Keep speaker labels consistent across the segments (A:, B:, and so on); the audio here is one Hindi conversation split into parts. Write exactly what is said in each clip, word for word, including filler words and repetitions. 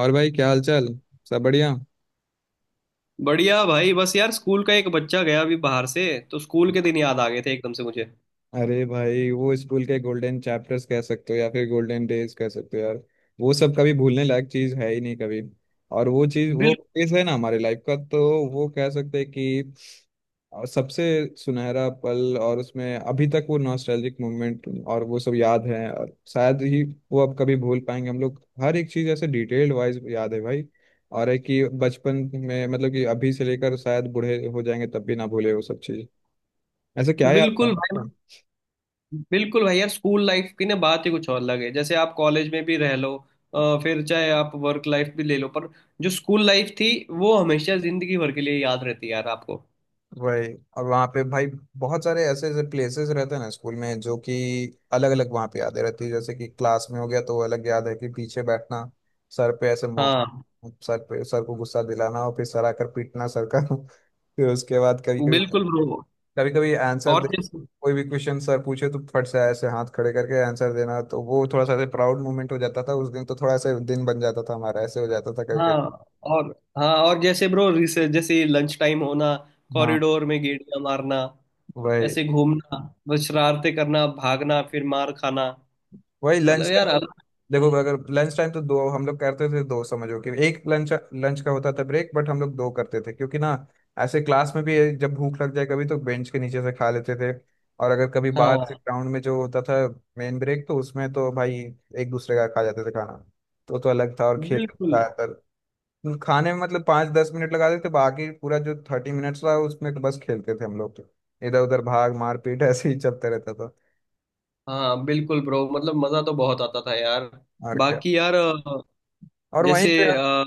A: और भाई क्या हाल चाल। सब बढ़िया।
B: बढ़िया भाई, बस यार स्कूल का एक बच्चा गया अभी बाहर से तो स्कूल के दिन याद आ गए थे एकदम से मुझे।
A: अरे भाई, वो स्कूल के गोल्डन चैप्टर्स कह सकते हो या फिर गोल्डन डेज कह सकते हो यार। वो सब कभी भूलने लायक चीज है ही नहीं कभी। और वो चीज, वो
B: बिल
A: फेज है ना हमारे लाइफ का, तो वो कह सकते हैं कि और सबसे सुनहरा पल। और उसमें अभी तक वो नॉस्टैल्जिक मोमेंट और वो सब याद है, और शायद ही वो अब कभी भूल पाएंगे हम लोग। हर एक चीज़ ऐसे डिटेल्ड वाइज याद है भाई। और है कि बचपन में मतलब कि अभी से लेकर शायद बूढ़े हो जाएंगे तब भी ना भूले वो सब चीज़। ऐसे क्या याद
B: बिल्कुल भाई।
A: था।
B: बिल्कुल भाई यार, स्कूल लाइफ की ना बात ही कुछ और अलग है। जैसे आप कॉलेज में भी रह लो, अ, फिर चाहे आप वर्क लाइफ भी ले लो, पर जो स्कूल लाइफ थी वो हमेशा जिंदगी भर के लिए याद रहती है यार आपको।
A: वही। और वहाँ पे भाई बहुत सारे ऐसे ऐसे प्लेसेस रहते हैं ना स्कूल में, जो कि अलग अलग वहाँ पे यादें रहती है। जैसे कि क्लास में हो गया तो वो अलग याद है कि पीछे बैठना, सर पे ऐसे मौ
B: हाँ,
A: सर पे, सर को गुस्सा दिलाना और फिर सर आकर पीटना सर का फिर उसके बाद कभी कभी,
B: बिल्कुल ब्रो।
A: कभी कभी आंसर दे।
B: और जैसे,
A: कोई भी क्वेश्चन सर पूछे तो फट से ऐसे हाथ खड़े करके आंसर देना, तो वो थोड़ा सा ऐसे प्राउड मोमेंट हो जाता था। उस दिन तो थोड़ा ऐसे दिन बन जाता था हमारा, ऐसे हो जाता था कभी कभी।
B: हाँ। और हाँ, और जैसे ब्रो, जैसे लंच टाइम होना,
A: हाँ।
B: कॉरिडोर में गेड़िया मारना,
A: वही।
B: ऐसे घूमना, बस शरारते करना, भागना, फिर मार खाना।
A: वही
B: मतलब
A: लंच
B: यार
A: टाइम।
B: अलग।
A: देखो, अगर लंच टाइम तो दो हम लोग करते थे। दो समझो कि एक लंच लंच का होता था ब्रेक, बट हम लोग दो करते थे। क्योंकि ना ऐसे क्लास में भी जब भूख लग जाए कभी तो बेंच के नीचे से खा लेते थे। और अगर कभी बाहर से
B: हाँ।
A: ग्राउंड में जो होता था मेन ब्रेक, तो उसमें तो भाई एक दूसरे का खा जाते थे खाना। तो तो अलग था, और खेल
B: बिल्कुल।
A: ज्यादातर खाने में मतलब पाँच दस मिनट लगा देते, बाकी पूरा जो थर्टी मिनट्स रहा उसमें तो बस खेलते थे हम लोग। तो इधर उधर भाग, मारपीट ऐसे ही चलते रहता था।
B: हाँ, बिल्कुल ब्रो, मतलब मजा तो बहुत आता था यार।
A: और क्या।
B: बाकी यार, अ,
A: और वहीं पे
B: जैसे अ,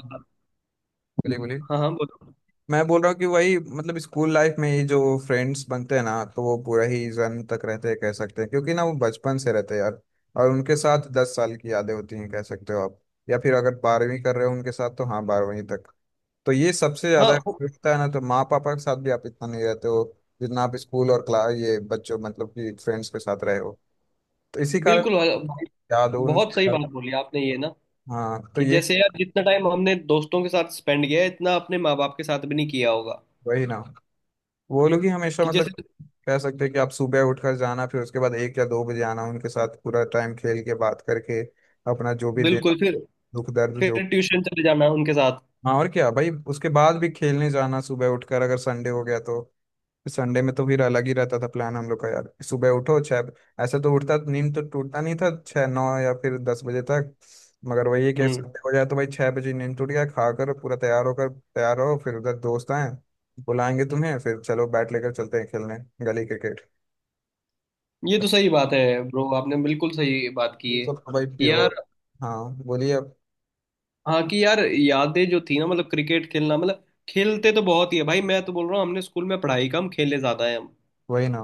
A: बोलिए बोलिए।
B: हाँ हाँ, बोलो।
A: मैं बोल रहा हूँ कि वही मतलब स्कूल लाइफ में ये जो फ्रेंड्स बनते हैं ना, तो वो पूरा ही जन तक रहते हैं कह सकते हैं। क्योंकि ना वो बचपन से रहते हैं यार, और उनके साथ दस साल की यादें होती हैं कह सकते हो आप। या फिर अगर बारहवीं कर रहे हो उनके साथ तो हाँ, बारहवीं तक। तो ये सबसे
B: हाँ,
A: ज्यादा
B: वो-
A: होता है ना, तो माँ पापा के साथ भी आप इतना नहीं रहते हो जितना आप स्कूल और क्लास, ये बच्चों मतलब कि फ्रेंड्स के साथ रहे हो। तो इसी कारण
B: बिल्कुल अ, भाई,
A: याद हो
B: बहुत
A: उनसे।
B: सही बात बोली आपने ये ना,
A: हाँ, तो
B: कि
A: ये
B: जैसे यार जितना टाइम हमने दोस्तों के साथ स्पेंड किया है इतना अपने माँ बाप के साथ भी नहीं किया होगा।
A: वही ना, वो लोग ही हमेशा
B: कि
A: मतलब
B: जैसे
A: कह सकते हैं कि आप सुबह उठकर जाना, फिर उसके बाद एक या दो बजे आना, उनके साथ पूरा टाइम खेल के बात करके अपना जो भी दे-
B: बिल्कुल, फिर
A: दुख दर्द जो।
B: फिर ट्यूशन चले जाना उनके साथ।
A: हाँ और क्या भाई, उसके बाद भी खेलने जाना, सुबह उठकर अगर संडे हो गया तो। संडे में तो फिर अलग ही रहता था प्लान हम लोग का यार। सुबह उठो छः, ऐसे तो उठता, नींद तो टूटता नहीं था छः नौ या फिर दस बजे तक। मगर वही है कि
B: हम्म।
A: संडे हो जाए तो भाई छः बजे नींद टूट गया, खाकर पूरा तैयार होकर, तैयार हो फिर उधर दोस्त आए बुलाएंगे तुम्हें, फिर चलो बैट लेकर चलते हैं खेलने, गली क्रिकेट।
B: ये तो सही बात है ब्रो, आपने बिल्कुल सही बात की
A: तो भाई
B: है यार।
A: प्योर। हाँ बोलिए आप।
B: हाँ, कि यार यादें जो थी ना, मतलब क्रिकेट खेलना, मतलब खेलते तो बहुत ही है भाई, मैं तो बोल रहा हूँ हमने स्कूल में पढ़ाई कम खेले ज्यादा है हम।
A: वही ना।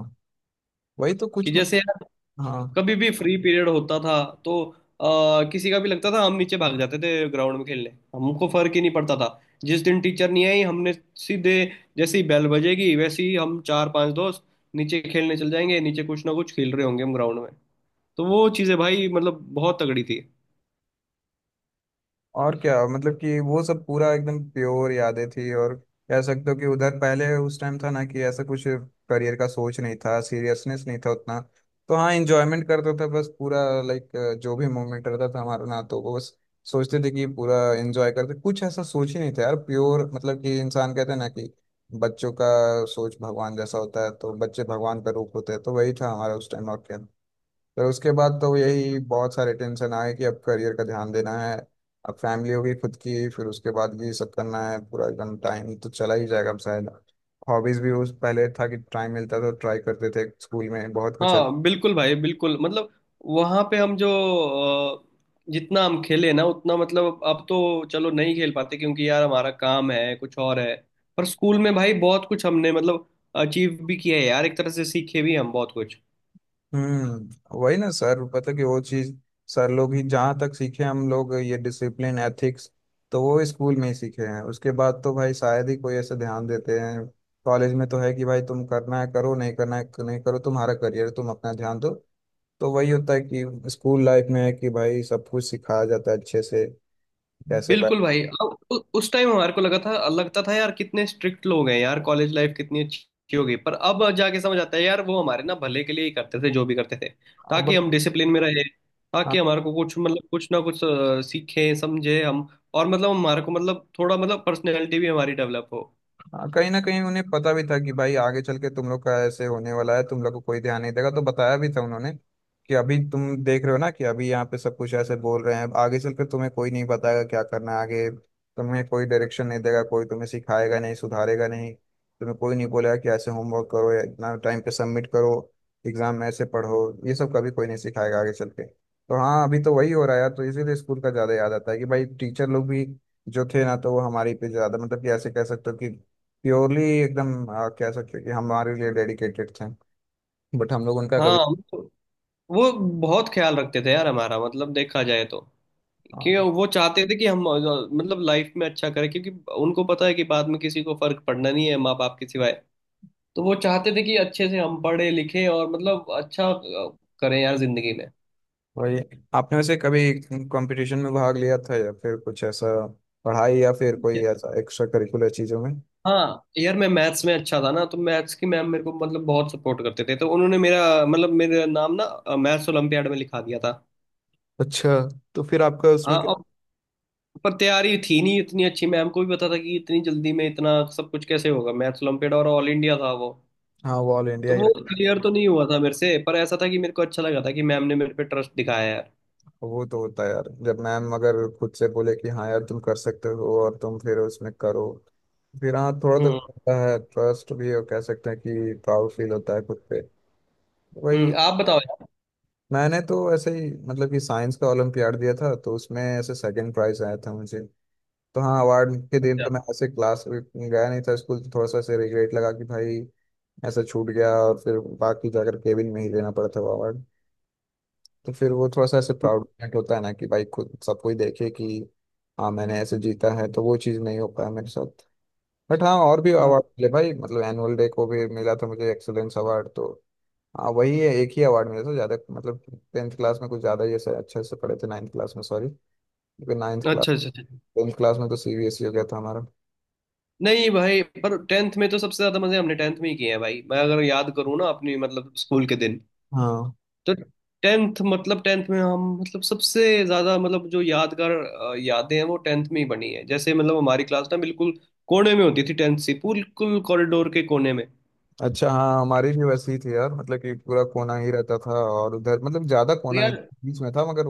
A: वही तो
B: कि
A: कुछ
B: जैसे
A: मतलब।
B: यार
A: हाँ
B: कभी भी फ्री पीरियड होता था तो आ, किसी का भी लगता था, हम नीचे भाग जाते थे ग्राउंड में खेलने। हमको फर्क ही नहीं पड़ता था। जिस दिन टीचर नहीं आई, हमने सीधे, जैसे ही बेल बजेगी वैसे ही हम चार पांच दोस्त नीचे खेलने चल जाएंगे, नीचे कुछ ना कुछ खेल रहे होंगे हम ग्राउंड में। तो वो चीज़ें भाई मतलब बहुत तगड़ी थी।
A: और क्या, मतलब कि वो सब पूरा एकदम प्योर यादें थी। और कह सकते हो कि उधर पहले, उस टाइम था ना, कि ऐसा कुछ करियर का सोच नहीं था, सीरियसनेस नहीं था उतना। तो हाँ, एंजॉयमेंट करता था बस पूरा। लाइक जो भी मोमेंट रहता था हमारा ना, तो वो बस सोचते थे कि पूरा एंजॉय करते, कुछ ऐसा सोच ही नहीं था यार। प्योर मतलब कि इंसान कहते हैं ना कि बच्चों का सोच भगवान जैसा होता है, तो बच्चे भगवान का रूप होते हैं, तो वही था हमारा उस टाइम, और क्या। फिर उसके बाद तो यही बहुत सारे टेंशन आए कि अब करियर का ध्यान देना है, अब फैमिली होगी खुद की, फिर उसके बाद ये सब करना है, पूरा एकदम टाइम तो चला ही जाएगा अब शायद। हॉबीज भी उस पहले था कि टाइम मिलता था तो ट्राई करते थे स्कूल में बहुत कुछ है।
B: हाँ बिल्कुल भाई, बिल्कुल मतलब वहां पे हम जो अ, जितना हम खेले ना उतना, मतलब अब तो चलो नहीं खेल पाते क्योंकि यार हमारा काम है कुछ और है, पर स्कूल में भाई बहुत कुछ हमने मतलब अचीव भी किया है यार, एक तरह से सीखे भी हम बहुत कुछ।
A: हम्म। वही ना सर, पता कि वो चीज सर लोग ही जहाँ तक सीखे हम लोग, ये डिसिप्लिन एथिक्स, तो वो स्कूल में ही सीखे हैं। उसके बाद तो भाई शायद ही कोई ऐसे ध्यान देते हैं। कॉलेज में तो है कि भाई तुम करना है करो, नहीं करना है नहीं करो, तुम्हारा करियर तुम अपना ध्यान दो। तो वही होता है कि स्कूल लाइफ में है कि भाई सब कुछ सिखाया जाता है अच्छे से। कैसे बै-
B: बिल्कुल भाई। अब उ- उस टाइम हमारे को लगा था, लगता था यार कितने स्ट्रिक्ट लोग हैं यार, कॉलेज लाइफ कितनी अच्छी हो गई, पर अब जाके समझ आता है यार वो हमारे ना भले के लिए ही करते थे जो भी करते थे। ताकि
A: अब
B: हम डिसिप्लिन में रहे, ताकि
A: हाँ।
B: हमारे को कुछ, मतलब कुछ ना कुछ अ, सीखें, समझे हम। और मतलब हमारे को, मतलब थोड़ा मतलब पर्सनैलिटी भी हमारी डेवलप हो।
A: हाँ कहीं ना कहीं उन्हें पता भी था कि भाई आगे चल के तुम लोग का ऐसे होने वाला है, तुम लोग को कोई ध्यान नहीं देगा, तो बताया भी था उन्होंने कि अभी तुम देख रहे हो ना कि अभी यहाँ पे सब कुछ ऐसे बोल रहे हैं, आगे चल के तुम्हें कोई नहीं बताएगा क्या करना है आगे। तुम्हें कोई डायरेक्शन नहीं देगा, कोई तुम्हें सिखाएगा नहीं, सुधारेगा नहीं, तुम्हें कोई नहीं बोलेगा कि ऐसे होमवर्क करो या इतना टाइम पे सबमिट करो, एग्जाम में ऐसे पढ़ो। ये सब कभी कोई नहीं सिखाएगा आगे चल के, तो हाँ अभी तो वही हो रहा है यार। तो इसीलिए स्कूल का ज़्यादा याद आता है कि भाई टीचर लोग भी जो थे ना, तो वो हमारे पे ज़्यादा मतलब कि ऐसे कह सकते हो कि प्योरली एकदम आ, कह सकते हैं कि हमारे लिए डेडिकेटेड थे। बट हम लोग उनका
B: हाँ।
A: कभी।
B: वो वो बहुत ख्याल रखते थे यार हमारा, मतलब देखा जाए तो। क्योंकि
A: हाँ,
B: वो चाहते थे कि हम अ, मतलब लाइफ में अच्छा करें, क्योंकि उनको पता है कि बाद में किसी को फर्क पड़ना नहीं है माँ बाप के सिवाय। तो वो चाहते थे कि अच्छे से हम पढ़े लिखे और मतलब अच्छा अ, करें यार जिंदगी में।
A: वही। आपने वैसे कभी कंपटीशन में भाग लिया था या फिर कुछ ऐसा पढ़ाई या फिर कोई ऐसा एक्स्ट्रा करिकुलर चीजों में।
B: हाँ। यार मैं मैथ्स में अच्छा था ना, तो मैथ्स की मैम मेरे को मतलब बहुत सपोर्ट करते थे, तो उन्होंने मेरा मतलब मेरा नाम ना मैथ्स ओलंपियाड में लिखा दिया था।
A: अच्छा, तो फिर आपका
B: हाँ,
A: उसमें क्या।
B: और पर तैयारी थी नहीं इतनी अच्छी, मैम को भी पता था कि इतनी जल्दी में इतना सब कुछ कैसे होगा, मैथ्स ओलंपियाड और ऑल इंडिया था वो।
A: हाँ, वो ऑल इंडिया
B: तो
A: ही
B: वो
A: रहता है।
B: क्लियर तो नहीं हुआ था मेरे से, पर ऐसा था कि मेरे को अच्छा लगा था कि मैम ने मेरे पे ट्रस्ट दिखाया यार।
A: वो तो होता है यार, जब मैम अगर खुद से बोले कि हाँ यार तुम कर सकते हो और तुम फिर उसमें करो, फिर हाँ थोड़ा तो
B: हम्म।
A: होता है ट्रस्ट भी, और कह सकते हैं कि प्राउड फील होता है खुद पे। वही।
B: हम्म, आप बताओ यार।
A: मैंने तो ऐसे ही मतलब कि साइंस का ओलम्पियाड दिया था, तो उसमें ऐसे सेकंड प्राइज आया था मुझे। तो हाँ अवार्ड के दिन
B: अच्छा।
A: तो मैं ऐसे क्लास गया नहीं था स्कूल, तो थोड़ा सा ऐसे रिग्रेट लगा कि भाई ऐसा छूट गया। और फिर बाकी जाकर केबिन में ही लेना पड़ा था वो अवार्ड। तो फिर वो थोड़ा सा ऐसे प्राउड
B: हम्म,
A: मोमेंट होता है ना कि भाई खुद सब कोई देखे कि हाँ मैंने ऐसे जीता है, तो वो चीज़ नहीं हो पाया मेरे साथ। बट हाँ, और भी
B: हाँ।
A: अवार्ड मिले भाई, मतलब एनुअल डे को भी मिला था मुझे एक्सीलेंस अवार्ड। तो हाँ वही है, एक ही अवार्ड मिला था ज्यादा मतलब। टेंथ क्लास में कुछ ज्यादा ही ऐसे अच्छे से पढ़े थे, नाइन्थ क्लास में, सॉरी, क्योंकि नाइन्थ क्लास,
B: अच्छा अच्छा अच्छा।
A: टेंथ क्लास में तो सी बी एस ई हो गया था हमारा।
B: नहीं भाई, पर टेंथ में तो सबसे ज्यादा मजे हमने टेंथ में ही किए हैं भाई, मैं अगर याद करूँ ना अपनी मतलब स्कूल के दिन,
A: हाँ।
B: तो टेंथ, मतलब टेंथ में हम मतलब सबसे ज्यादा, मतलब जो यादगार अ, यादें हैं वो टेंथ में ही बनी है। जैसे मतलब हमारी क्लास ना बिल्कुल कोने में होती थी टेंथ से, बिल्कुल कॉरिडोर के कोने में।
A: अच्छा, हाँ हमारी भी वैसी ही थी यार, मतलब कि पूरा कोना ही रहता था। और उधर मतलब ज्यादा
B: तो
A: कोना नहीं,
B: यार,
A: बीच में था, मगर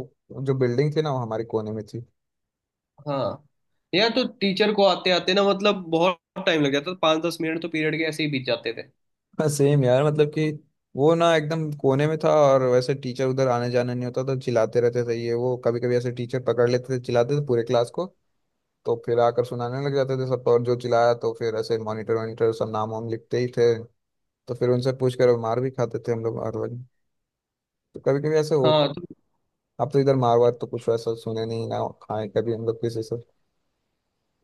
A: जो बिल्डिंग थी ना वो हमारे कोने में थी।
B: हाँ यार तो टीचर को आते आते ना मतलब बहुत टाइम लग जाता था, पाँच दस मिनट तो पीरियड के ऐसे ही बीत जाते थे।
A: सेम यार, मतलब कि वो ना एकदम कोने में था, और वैसे टीचर उधर आने जाने नहीं होता तो चिल्लाते रहते थे ये वो। कभी कभी ऐसे टीचर पकड़ लेते थे, चिल्लाते थे पूरे क्लास को, तो फिर आकर सुनाने लग जाते थे सबको, और जो चिल्लाया तो फिर ऐसे मॉनिटर वॉनिटर सब नाम वाम लिखते ही थे, तो फिर उनसे पूछ कर मार भी खाते थे हम लोग हर वक्त। तो कभी कभी ऐसे
B: हाँ तो,
A: होता। अब तो इधर मार वार तो कुछ वैसा सुने नहीं ना खाए कभी हम लोग किसी से।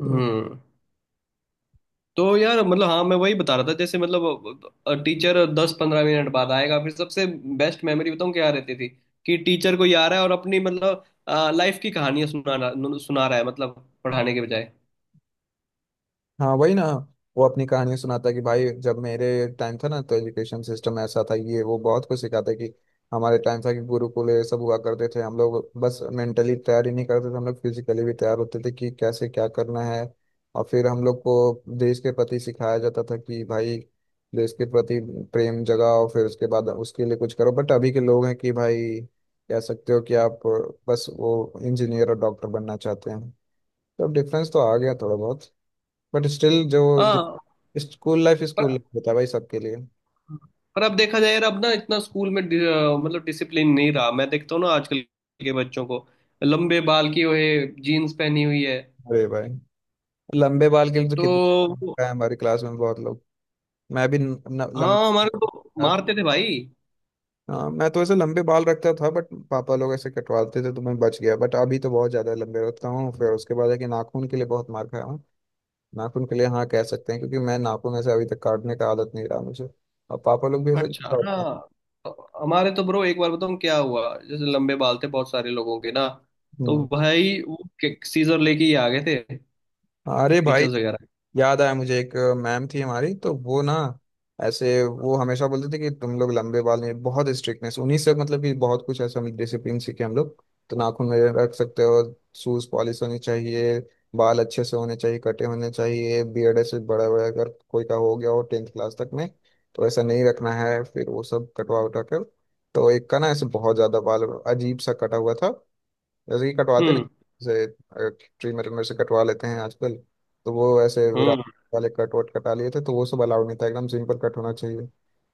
B: हम्म। तो यार मतलब हाँ, मैं वही बता रहा था, जैसे मतलब टीचर दस पंद्रह मिनट बाद आएगा, फिर सबसे बेस्ट मेमोरी बताऊँ क्या रहती थी कि टीचर कोई आ रहा है और अपनी मतलब लाइफ की कहानियां सुना रहा- सुना रहा है, मतलब पढ़ाने के बजाय।
A: हाँ वही ना। वो अपनी कहानियां सुनाता है कि भाई जब मेरे टाइम था ना तो एजुकेशन सिस्टम ऐसा था, ये वो बहुत कुछ सिखाता है कि हमारे टाइम था कि गुरुकुल ये सब हुआ करते थे। हम लोग बस मेंटली तैयार ही नहीं करते थे, हम लोग फिजिकली भी तैयार होते थे कि कैसे क्या करना है। और फिर हम लोग को देश के प्रति सिखाया जाता था कि भाई देश के प्रति प्रेम जगाओ, फिर उसके बाद उसके लिए कुछ करो। बट अभी के लोग हैं कि भाई कह सकते हो कि आप बस वो इंजीनियर और डॉक्टर बनना चाहते हैं। तो डिफरेंस तो आ गया थोड़ा बहुत, बट स्टिल जो
B: हाँ।
A: स्कूल लाइफ स्कूल
B: पर
A: लाइफ होता है भाई सबके लिए।
B: पर अब देखा जाए यार, अब ना इतना स्कूल में डि- अ, मतलब डिसिप्लिन नहीं रहा, मैं देखता हूँ ना आजकल के बच्चों को। लंबे बाल की हुए, जीन्स पहनी हुई है।
A: अरे भाई, लंबे बाल के लिए तो
B: तो
A: कितना है, हमारी क्लास में बहुत लोग। मैं भी न, न,
B: हाँ,
A: लंबा
B: हमारे को
A: था।
B: मारते थे भाई।
A: हाँ मैं तो ऐसे लंबे बाल रखता था, बट पापा लोग ऐसे कटवाते थे तो मैं बच गया। बट अभी तो बहुत ज्यादा लंबे रखता हूँ। फिर उसके बाद है कि नाखून के लिए बहुत मार खाया हूँ। नाखून के लिए, हाँ कह सकते हैं क्योंकि मैं नाखून ऐसे अभी तक काटने का आदत नहीं रहा मुझे, और पापा लोग भी ऐसे।
B: अच्छा, हाँ। हमारे तो ब्रो एक बार बताऊँ क्या हुआ, जैसे लंबे बाल थे बहुत सारे लोगों के ना, तो
A: हम्म।
B: भाई वो सीजर लेके ही आ गए थे
A: अरे भाई,
B: टीचर्स वगैरह।
A: याद आया मुझे। एक मैम थी हमारी, तो वो ना ऐसे वो हमेशा बोलते थे कि तुम लोग लंबे बाल में, बहुत स्ट्रिक्टनेस उन्हीं से मतलब कि बहुत कुछ ऐसा मतलब डिसिप्लिन सीखे हम लोग। तो नाखून में रख सकते हो, शूज पॉलिश होनी चाहिए, बाल अच्छे से होने चाहिए, कटे होने चाहिए, बियर्ड ऐसे बड़ा बड़ा अगर कोई का हो गया हो टेंथ क्लास तक में, तो ऐसा नहीं रखना है, फिर वो सब कटवा उठा कर। तो एक का ना ऐसे बहुत ज्यादा बाल अजीब सा कटा हुआ था, जैसे कि कटवाते नहीं,
B: हम्म।
A: जैसे ट्री मेरे मेरे से कटवा लेते हैं आजकल, तो वो ऐसे विराट
B: हम्म।
A: वाले कट वट कटा लिए थे, तो वो सब अलाउड नहीं था, एकदम सिंपल कट होना चाहिए।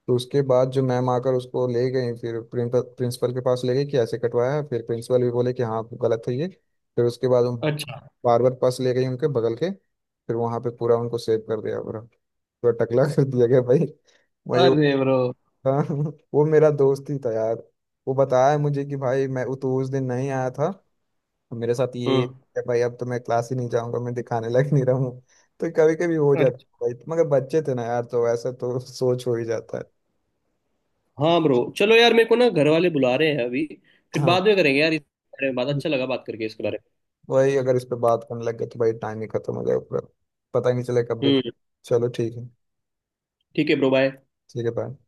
A: तो उसके बाद जो मैम आकर उसको ले गई, फिर प्रिंसिपल प्रिंसिपल के पास ले गई कि ऐसे कटवाया है। फिर प्रिंसिपल भी बोले कि हाँ गलत है ये। फिर उसके बाद हम
B: अच्छा।
A: बार्बर पास ले गई उनके बगल के, फिर वहाँ पे पूरा उनको सेव कर दिया पूरा, पूरा टकला कर दिया गया भाई। वही वो
B: अरे ब्रो।
A: था वो मेरा दोस्त ही था यार, वो बताया मुझे कि भाई, मैं वो तो उस दिन नहीं आया था, तो मेरे साथ ये
B: हम्म।
A: है भाई। अब तो मैं क्लास ही नहीं जाऊंगा, मैं दिखाने लायक नहीं रहूँ, तो कभी कभी हो जाता
B: अच्छा,
A: है भाई, मगर बच्चे थे ना यार तो वैसे तो सोच हो ही जाता है।
B: हाँ ब्रो चलो यार, मेरे को ना घर वाले बुला रहे हैं अभी, फिर
A: हाँ,
B: बाद में करेंगे यार इस बारे में बात। अच्छा लगा बात करके इसके बारे
A: वही। अगर इस पे बात करने लग गए तो भाई टाइम ही खत्म हो जाएगा पूरा, पता ही नहीं चले कब
B: में।
A: भी।
B: हम्म।
A: चलो ठीक है।
B: ठीक है ब्रो, बाय।
A: ठीक है, बाय।